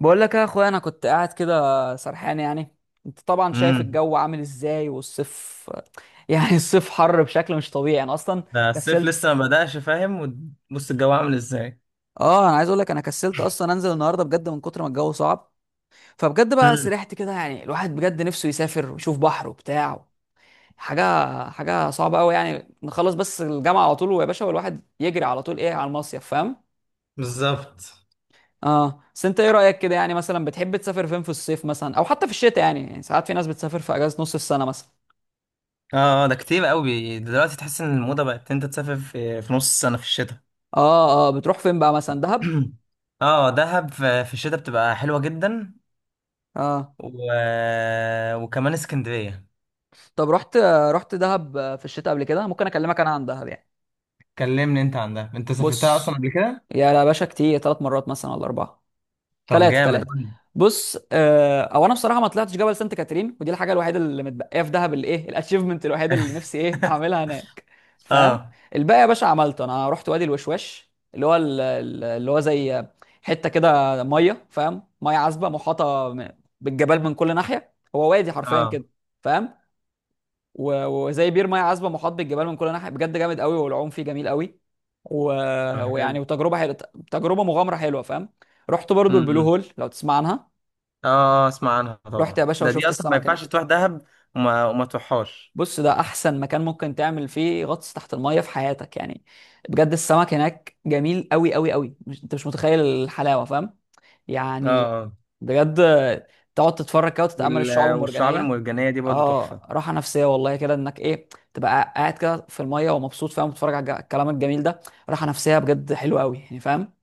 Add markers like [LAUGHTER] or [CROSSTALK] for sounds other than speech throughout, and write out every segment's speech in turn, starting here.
بقول لك يا اخويا انا كنت قاعد كده سرحان يعني. انت طبعا شايف امم الجو عامل ازاي والصيف. [LAUGHS] يعني الصيف حر بشكل مش طبيعي، انا اصلا ده الصيف كسلت. لسه ما بدأش فاهم. وبص الجو عامل ازاي. اه، انا عايز اقول لك انا كسلت اصلا انزل النهارده بجد من كتر ما الجو صعب. فبجد بقى امم سرحت كده، يعني الواحد بجد نفسه يسافر ويشوف بحر وبتاع حاجه حاجه صعبه قوي يعني، نخلص بس الجامعه على طول ويا باشا والواحد يجري على طول ايه على المصيف، فاهم؟ بالظبط. [CLEARS THROAT] اه، بس انت ايه رايك كده، يعني مثلا بتحب تسافر فين في الصيف مثلا او حتى في الشتاء؟ يعني ساعات في ناس بتسافر في اجازه نص السنه مثلا. اه، ده كتير قوي دلوقتي. تحس ان الموضة بقت إن انت تسافر في نص السنة في الشتاء. اه اه، بتروح فين بقى مثلا؟ دهب؟ [CLEARS THROAT] اه، دهب في الشتاء بتبقى حلوة جدا. اه، و... وكمان اسكندرية. طب رحت دهب في الشتاء قبل كده؟ ممكن اكلمك انا عن دهب يعني. كلمني انت عن ده، انت سافرتها اصلا بص. قبل كده؟ يا لا باشا كتير، ثلاث مرات مثلا ولا اربعه. طب ثلاثه جامد، ثلاثه. قولي. بص، آه او انا بصراحه ما طلعتش جبل سانت كاترين، ودي الحاجه الوحيده اللي متبقيه في دهب اللي ايه الاتشيفمنت [LAUGHS] الوحيده اللي نفسي ايه [LAUGHS] اعملها هناك، فاهم؟ اه الباقي يا باشا عملته، انا رحت وادي الوشواش اللي هو اللي هو زي حته كده ميه، فاهم؟ ميه عذبه محاطه بالجبال من كل ناحيه، هو وادي حرفيا كده، اه، فاهم؟ و- وزي بير ميه عذبه محاط بالجبال من كل ناحيه، بجد جامد قوي والعوم فيه جميل قوي. و... طب حلو. ويعني وتجربه حلوه، تجربه مغامره حلوه، فاهم؟ رحت برضو البلو امم هول لو تسمع عنها. اه، آه، اسمع عنها رحت طبعا، يا باشا ده دي وشفت اصلا ما السمك هناك. ينفعش تروح دهب وما تروحهاش. بص، ده احسن مكان ممكن تعمل فيه غطس تحت الميه في حياتك يعني. بجد السمك هناك جميل قوي قوي قوي، مش... انت مش متخيل الحلاوه، فاهم؟ اه يعني آه. بجد، تقعد تتفرج كده وتتأمل الشعاب والشعاب المرجانية. المرجانية دي برضه اه، تحفة. راحة نفسية والله كده انك ايه تبقى قاعد كده في المية ومبسوط، فاهم؟ وتتفرج على الكلام الجميل ده. راحة نفسية بجد حلوة قوي يعني، فاهم؟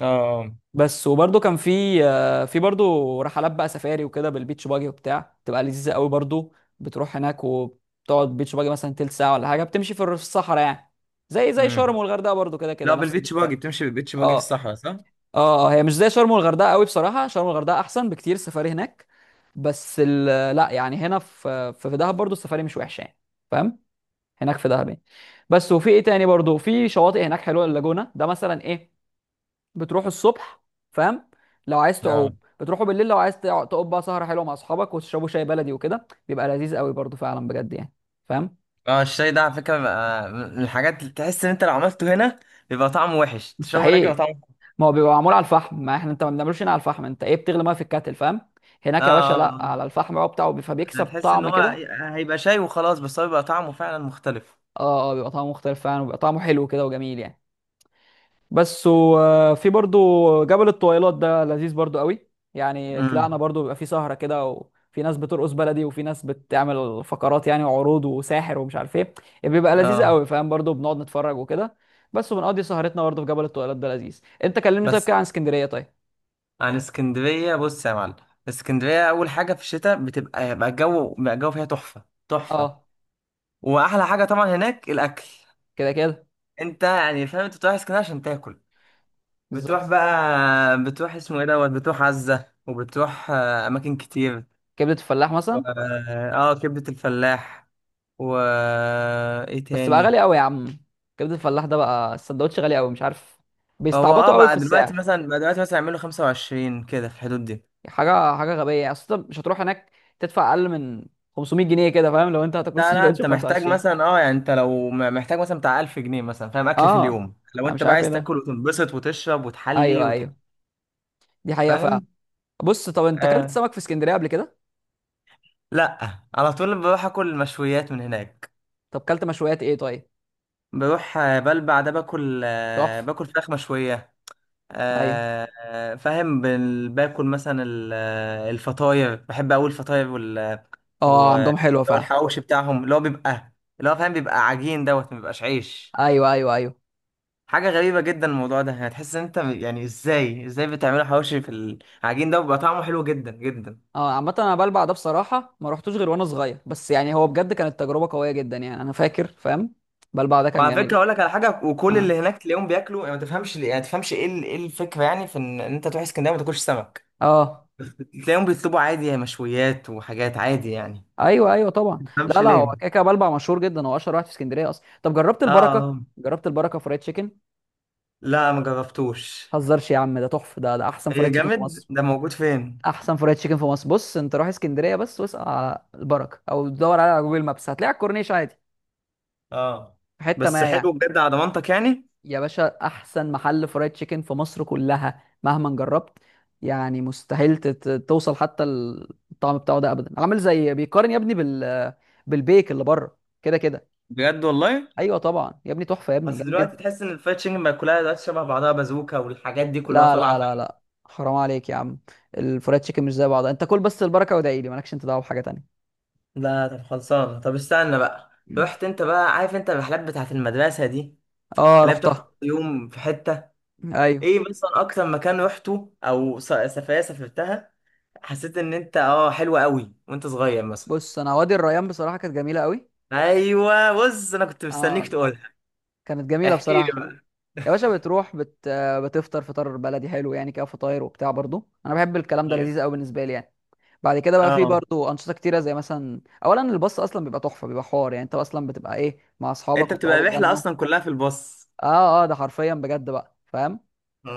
اه. بس، وبرده كان في برده رحلات بقى سفاري وكده بالبيتش باجي وبتاع، تبقى لذيذة قوي برده. بتروح هناك وبتقعد بيتش باجي مثلا تلت ساعة ولا حاجة، بتمشي في في الصحراء يعني. زي امم شرم والغردقة برده كده كده لا، نفس بالبيتش البتاع. باجي بتمشي، بالبيتش باجي في اه الصحراء، صح؟ اه اه، هي مش زي شرم والغردقه قوي، بصراحه شرم والغردقه احسن بكتير السفاري هناك. بس لا يعني، هنا في دهب برضو السفاري مش وحشه يعني، فاهم؟ هناك في دهب يعني. بس، وفي ايه تاني برضو؟ في شواطئ هناك حلوه، اللاجونه ده مثلا ايه. بتروحوا الصبح، فاهم؟ لو عايز تعوم اه. بتروحوا بالليل، لو عايز تقعد بقى سهره حلوه مع اصحابك وتشربوا شاي بلدي وكده بيبقى لذيذ قوي برضو فعلا بجد يعني، فاهم؟ اه، الشاي ده على فكرة بقى من الحاجات اللي تحس ان انت لو عملته هنا بيبقى طعمه وحش، تشربه هناك بيبقى مستحيل. طعمه. ما هو بيبقى معمول على الفحم، ما احنا انت ما بنعملوش هنا على الفحم، انت ايه بتغلي ميه في الكاتل، فاهم؟ اه هناك يا باشا آه، آه. لا، على الفحم بقى بتاعه فبيكسب هتحس ان طعم هو كده. هيبقى شاي وخلاص، بس هو بيبقى طعمه فعلا مختلف. اه اه، بيبقى طعمه مختلف فعلا وبيبقى طعمه حلو كده وجميل يعني. بس، وفي برضو جبل الطويلات ده لذيذ برضو قوي. يعني طلعنا امم برضو، بيبقى فيه سهرة كده وفي ناس بترقص بلدي وفي ناس بتعمل فقرات يعني وعروض وساحر ومش عارف ايه. إيه، بيبقى لذيذ اه قوي، فاهم؟ برضو بنقعد نتفرج وكده. بس، وبنقضي سهرتنا برضو في جبل الطويلات ده لذيذ. انت كلمني طيب بس. كده عن اسكندرية طيب. عن اسكندرية، بص يا معلم. اسكندرية أول حاجة في الشتاء بتبقى بقى الجو، بقى الجو فيها تحفة تحفة. اه وأحلى حاجة طبعا هناك الأكل. كده كده. انت يعني فاهم، انت بتروح اسكندريه عشان تاكل. بتروح بالظبط. بقى بتروح اسمه ايه دوت، بتروح عزه، وبتروح آه، اماكن كتير. كبده الفلاح و... مثلا. اه، كبده الفلاح. و آه، ايه بس بقى تاني. غالي قوي يا عم، كبده الفلاح ده بقى السندوتش غالي قوي، مش عارف، هو اه بيستعبطوا قوي في بقى دلوقتي السعر. مثلا، بقى دلوقتي مثلا يعملوا 25 كده في الحدود دي. حاجه غبيه يعني، اصل انت مش هتروح هناك تدفع اقل من 500 جنيه كده، فاهم؟ لو انت هتاكل [LAUGHS] لا لا، السندوتش انت ب محتاج 25. مثلا، اه يعني انت لو محتاج مثلا بتاع 1000 جنيه مثلا فاهم، اكل في اه، اليوم، لو انا انت مش بقى عارف ايه عايز ده. تاكل وتنبسط وتشرب وتحلي ايوه ايوه، دي حقيقه فعلا. فاهم. بص طب انت اكلت آه سمك في اسكندريه قبل كده؟ لا، على طول بروح اكل مشويات من هناك. طب اكلت مشويات ايه طيب؟ بروح آه، بلبع، ده باكل آه، تحفه. باكل فراخ مشوية. ايوه، آه، آه، فاهم. باكل مثلا آه، الفطاير، بحب أوي الفطاير وال اه و- عندهم حلوه فعلا. والحواوشي بتاعهم اللي هو بيبقى، اللي هو فاهم بيبقى عجين دوت ما بيبقاش عيش. ايوه ايوه ايوه. حاجة غريبة جدا الموضوع ده. هتحس ان انت يعني ازاي بتعملوا حواوشي في العجين ده، وبيبقى طعمه حلو جدا جدا. اه، عامة انا بلبع ده بصراحة ما رحتوش غير وانا صغير، بس يعني هو بجد كانت تجربة قوية جدا يعني انا فاكر، فاهم؟ بلبع ده كان وعلى جميلة. فكرة اقول لك على حاجة، وكل اه اللي هناك تلاقيهم بياكلوا يعني. ما تفهمش يعني ما تفهمش ايه ايه الفكرة يعني في ان إن انت تروح اسكندرية وما تاكلش سمك. اه، تلاقيهم بيطلبوا عادي يعني مشويات وحاجات عادي يعني. ايوه ايوه طبعا، مفهمش لا لا هو ليه. كده كده بلبع مشهور جدا، هو اشهر واحد في اسكندرية اصلا. طب جربت اه البركة؟ آه. جربت البركة فرايد تشيكن؟ لا ما جربتوش. هزرش يا عم، ده تحفة، ده احسن ايه فرايد تشيكن في جامد، مصر. ده موجود فين؟ احسن فرايد تشيكن في مصر. بص انت روح اسكندرية بس واسأل على البركة او دور عليها على جوجل مابس، هتلاقي على الكورنيش عادي. اه، في حتة بس ما حلو يعني. بجد على ضمانتك يعني. يا باشا احسن محل فرايد تشيكن في مصر كلها مهما جربت. يعني مستحيل توصل حتى الطعم بتاعه ده ابدا، عامل زي بيقارن يا ابني بالبيك اللي بره كده كده. بجد والله. ايوه طبعا يا ابني تحفه يا ابني بس جامد دلوقتي جدا. تحس ان الفرايد تشيكن بقى كلها دلوقتي شبه بعضها، بازوكا والحاجات دي كلها لا لا طالعه لا فاهم. لا، حرام عليك يا عم. الفرايد تشيكن مش زي بعضها، انت كل بس البركه وادعي لي، مالكش انت دعوه بحاجه تانية. لا، طب خلصانه، طب استنى بقى. رحت انت بقى؟ عارف انت الرحلات بتاعت المدرسه دي اه اللي هي بتروح كل رحتها. يوم في حته؟ [LAUGHS] ايوه. ايه مثلا اكتر مكان رحته او سفريه سافرتها، حسيت ان انت اه حلوة قوي وانت صغير مثلا؟ بص انا وادي الريان بصراحه كانت جميله قوي. ايوه، بص انا كنت مستنيك اه تقولها. كانت جميله احكي لي بصراحه. بقى. يا باشا بتروح بت... آه، بتفطر فطار بلدي حلو يعني كده فطاير وبتاع برضو، انا بحب الكلام ده ايوه. لذيذ قوي بالنسبه لي يعني. بعد كده بقى في اه، برضو انشطه كتيره، زي مثلا اولا الباص اصلا بيبقى تحفه، بيبقى حوار، يعني انت اصلا بتبقى ايه مع انت اصحابك بتبقى وبتقعدوا الرحلة تغنوا. اصلا كلها في الباص. اه اه، ده حرفيا بجد بقى، فاهم؟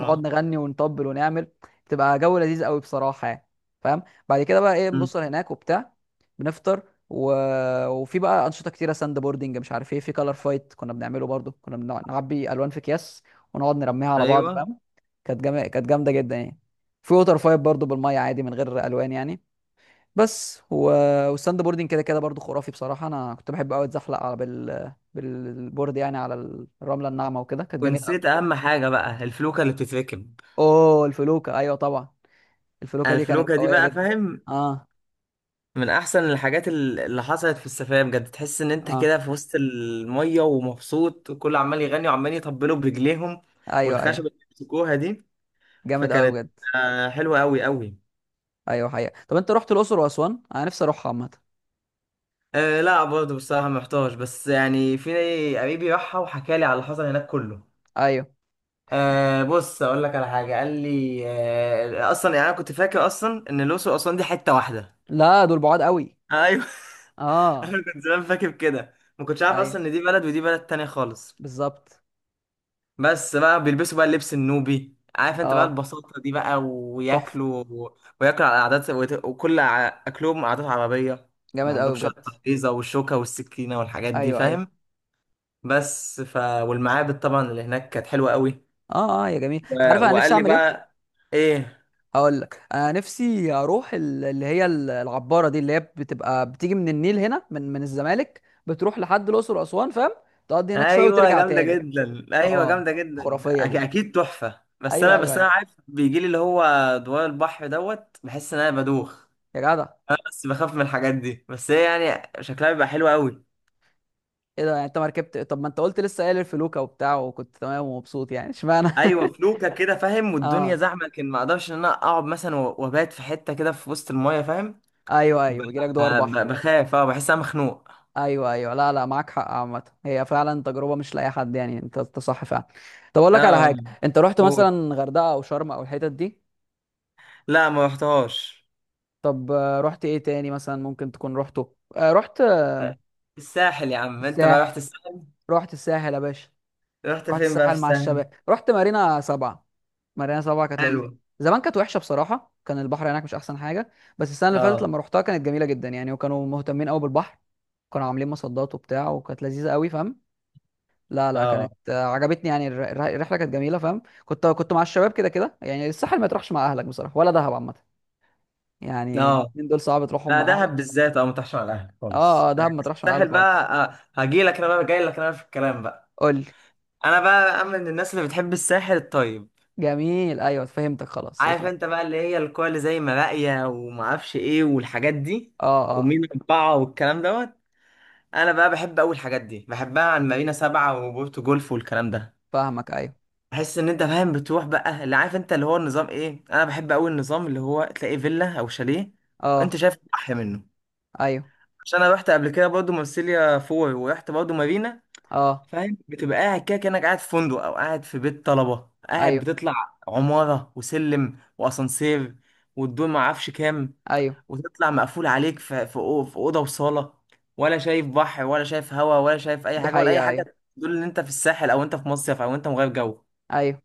نقعد نغني ونطبل ونعمل، تبقى جو لذيذ قوي بصراحه يعني، فاهم؟ بعد كده بقى ايه مم. بنوصل هناك وبتاع، بنفطر. و... وفي بقى انشطه كتيره، ساند بوردنج مش عارف ايه، في كلر فايت كنا بنعمله برضو، كنا نعبي الوان في اكياس ونقعد نرميها على بعض، ايوه. فاهم؟ كانت جامده جدا يعني. في ووتر فايت برضو بالميه عادي من غير الوان يعني. بس والساند بوردنج كده كده برضو خرافي بصراحه، انا كنت بحب قوي اتزحلق على بالبورد يعني على الرمله الناعمه وكده كانت جميله ونسيت قوي. اهم حاجة بقى، الفلوكة اللي بتتركب. اوه الفلوكه ايوه طبعا. الفلوكه دي كانت الفلوكة دي قويه بقى جدا. فاهم، اه من احسن الحاجات اللي حصلت في السفرية. بجد تحس ان انت اه كده في وسط المية ومبسوط، وكل عمال يغني وعمال يطبلوا برجليهم، ايوه ايوه، والخشبة اللي بيمسكوها دي. جامد قوي فكانت بجد. آه، حلوة قوي قوي. ايوه حقيقه. طب انت رحت الاقصر واسوان؟ انا نفسي اروحها عامه. آه لا، برضه بصراحة محتاج، بس يعني في قريبي راحها وحكى لي على اللي حصل هناك كله. ايوه، آه، بص أقول لك على حاجة قال لي. آه، أصلا يعني أنا كنت فاكر أصلا إن الأقصر وأسوان دي حتة واحدة. لا دول بعاد قوي. أيوه. [LAUGHS] اه أنا كنت زمان فاكر كده، ما كنتش عارف ايوه أصلا إن دي بلد ودي بلد تانية خالص. بالظبط. بس بقى بيلبسوا بقى اللبس النوبي، عارف أنت بقى اه البساطة دي بقى، تحفه، وياكلوا، وياكلوا على عادات، وكل أكلهم عادات عربية. ما جامد قوي عندهمش بجد. بقى التحفيظة والشوكة والسكينة والحاجات دي ايوه ايوه، فاهم. بس ف والمعابد طبعا اللي هناك كانت حلوه قوي. اه اه يا جميل. انت و... عارف انا وقال نفسي لي اعمل ايه؟ بقى ايه. هقول لك، انا نفسي اروح اللي هي العباره دي اللي هي بتبقى بتيجي من النيل هنا من الزمالك بتروح لحد الاقصر واسوان، فاهم؟ تقضي هناك شويه ايوه وترجع جامده تاني. جدا، ايوه اه جامده جدا، خرافيه دي يعني. اكيد تحفه. بس ايوه انا، ايوه بس انا ايوه. عارف بيجي لي اللي هو دوار البحر دوت، بحس ان انا بدوخ. يا جدع، بس بخاف من الحاجات دي، بس هي يعني شكلها بيبقى حلو قوي. ايه ده يعني؟ انت ما ركبت؟ طب ما انت قلت لسه قايل الفلوكه وبتاع وكنت تمام ومبسوط يعني، اشمعنى؟ ايوه [LAUGHS] فلوكه كده فاهم والدنيا اه زحمه، لكن ما اقدرش ان انا اقعد مثلا وابات في حته كده في وسط المايه فاهم. ايوه ب... ايوه، بيجيلك دوار بحر. بخاف. اه بحس إن انا مخنوق. ايوه ايوه، لا لا معاك حق عامه، هي فعلا تجربه مش لاي حد يعني، انت صح فعلا. طب اقول لك على اه. حاجه، انت رحت قول. مثلا غردقه او شرم او الحتت دي؟ لا ما رحتهاش. طب رحت ايه تاني مثلا ممكن تكون رحته رحت الساحل يا عم. انت بقى الساحل. رحت الساحل؟ رحت الساحل يا باشا. رحت رحت فين بقى في الساحل مع الساحل؟ الشباب، رحت مارينا سبعة. مارينا سبعة كانت حلو. لذيذة. زمان كانت وحشة بصراحة، كان البحر هناك مش أحسن حاجة. بس السنة اللي فاتت اه لما رحتها كانت جميلة جدا يعني، وكانوا مهتمين قوي بالبحر. كانوا عاملين مصدات وبتاع وكانت لذيذة قوي، فاهم؟ لا لا كانت اه. عجبتني يعني الرحلة كانت جميلة، فاهم؟ كنت مع الشباب كده كده يعني. الساحل ما تروحش مع أهلك بصراحة ولا دهب عامة. يعني اه، الاتنين دول صعب تروحهم لا مع أهلك. دهب بالذات اه متحش على الاهل اه خالص. دهب ما تروحش مع الساحل أهلك خالص. بقى آه. هجي لك انا بقى، جاي لك انا في الكلام بقى. قول لي. انا بقى من الناس اللي بتحب الساحل الطيب. جميل أيوه فهمتك خلاص عارف وصلت. انت بقى اللي هي الكوره اللي زي مراقية وما اعرفش ايه والحاجات دي، اه اه. ومين اربعه والكلام دوت. انا بقى بحب اول الحاجات دي، بحبها عن مارينا سبعة وبورتو جولف والكلام ده. فاهمك أيوه. تحس ان انت فاهم بتروح بقى اللي عارف انت اللي هو النظام ايه. انا بحب قوي النظام اللي هو تلاقي فيلا او شاليه وانت اه شايف احلى منه. ايوه، عشان انا رحت قبل كده برضه مارسيليا فور ورحت برضه مارينا. اه فاهم، بتبقى قاعد كده كانك قاعد في فندق او قاعد في بيت طلبه، قاعد ايوه بتطلع عماره وسلم واسانسير والدور ما اعرفش كام، ايوه وتطلع مقفول عليك في في اوضه وصاله. ولا شايف بحر ولا شايف هوا ولا شايف اي دي حاجه، ولا اي حقيقة. ايوه حاجه تدل ان انت في الساحل او انت في مصيف او انت مغير جو ايوه.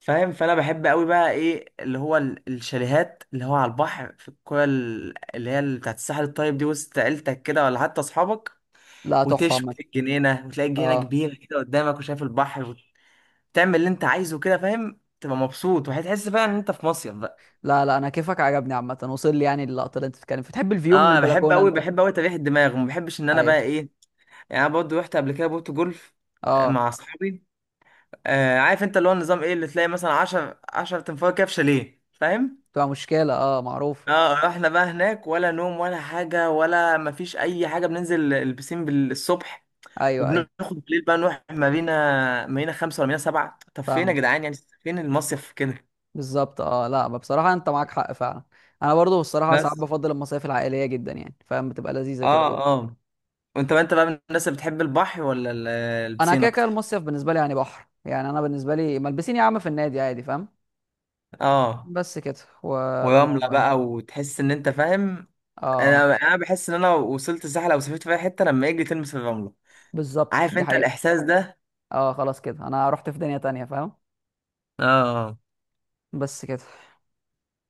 فاهم. فانا بحب قوي بقى ايه اللي هو الشاليهات اللي هو على البحر في الكوره اللي هي اللي بتاعت الساحل الطيب دي، وسط عيلتك كده ولا حتى اصحابك. لا تحفة وتشوي في عامة. الجنينه وتلاقي الجنينه اه. كبيره كده قدامك وشايف البحر، وتعمل اللي انت عايزه كده فاهم، تبقى مبسوط وهتحس فعلا ان انت في مصيف بقى. لا لا انا كيفك عجبني عامة، وصل لي يعني اللقطة اللي انت بتتكلم فيها. بتحب الفيو من اه بحب البلكونة قوي، انت؟ بحب قوي، تريح الدماغ، وما بحبش ان انا ايوه. بقى ايه. يعني انا برضه رحت قبل كده بوت جولف آه، مع اه اصحابي. آه، عارف انت اللي هو النظام ايه، اللي تلاقي مثلا 10 10 تنفار كده في شاليه فاهم. بتبقى مشكلة معروفة. اه، رحنا بقى هناك ولا نوم ولا حاجة ولا مفيش أي حاجة، بننزل البسين بالصبح ايوه ايوه. وبناخد. بالليل بقى نروح مارينا، مارينا خمسة ولا مارينا سبعة؟ طب فين يا فاهمة. جدعان يعني، فين المصيف كده؟ بالظبط اه، لا ما بصراحة انت معاك حق فعلا. انا برضو الصراحة ساعات بس. بفضل المصايف العائلية جدا يعني، فاهم؟ بتبقى لذيذة كده اه. برضو. اه. وانت بقى، انت بقى من الناس اللي بتحب البحر ولا انا البسين كده كده أكتر؟ المصيف بالنسبة لي يعني بحر، يعني انا بالنسبة لي ملبسين يا عم، في النادي عادي، فاهم؟ اه، بس كده، وده ورملة الموضوع يعني. بقى، وتحس إن أنت فاهم. اه آه، أنا بحس إن أنا وصلت الساحل أو سافرت في أي حتة لما أجي تلمس الرملة. بالظبط، عارف دي أنت حقيقة. الإحساس ده. اه خلاص كده انا رحت في دنيا تانية، فاهم؟ اه. بس كده.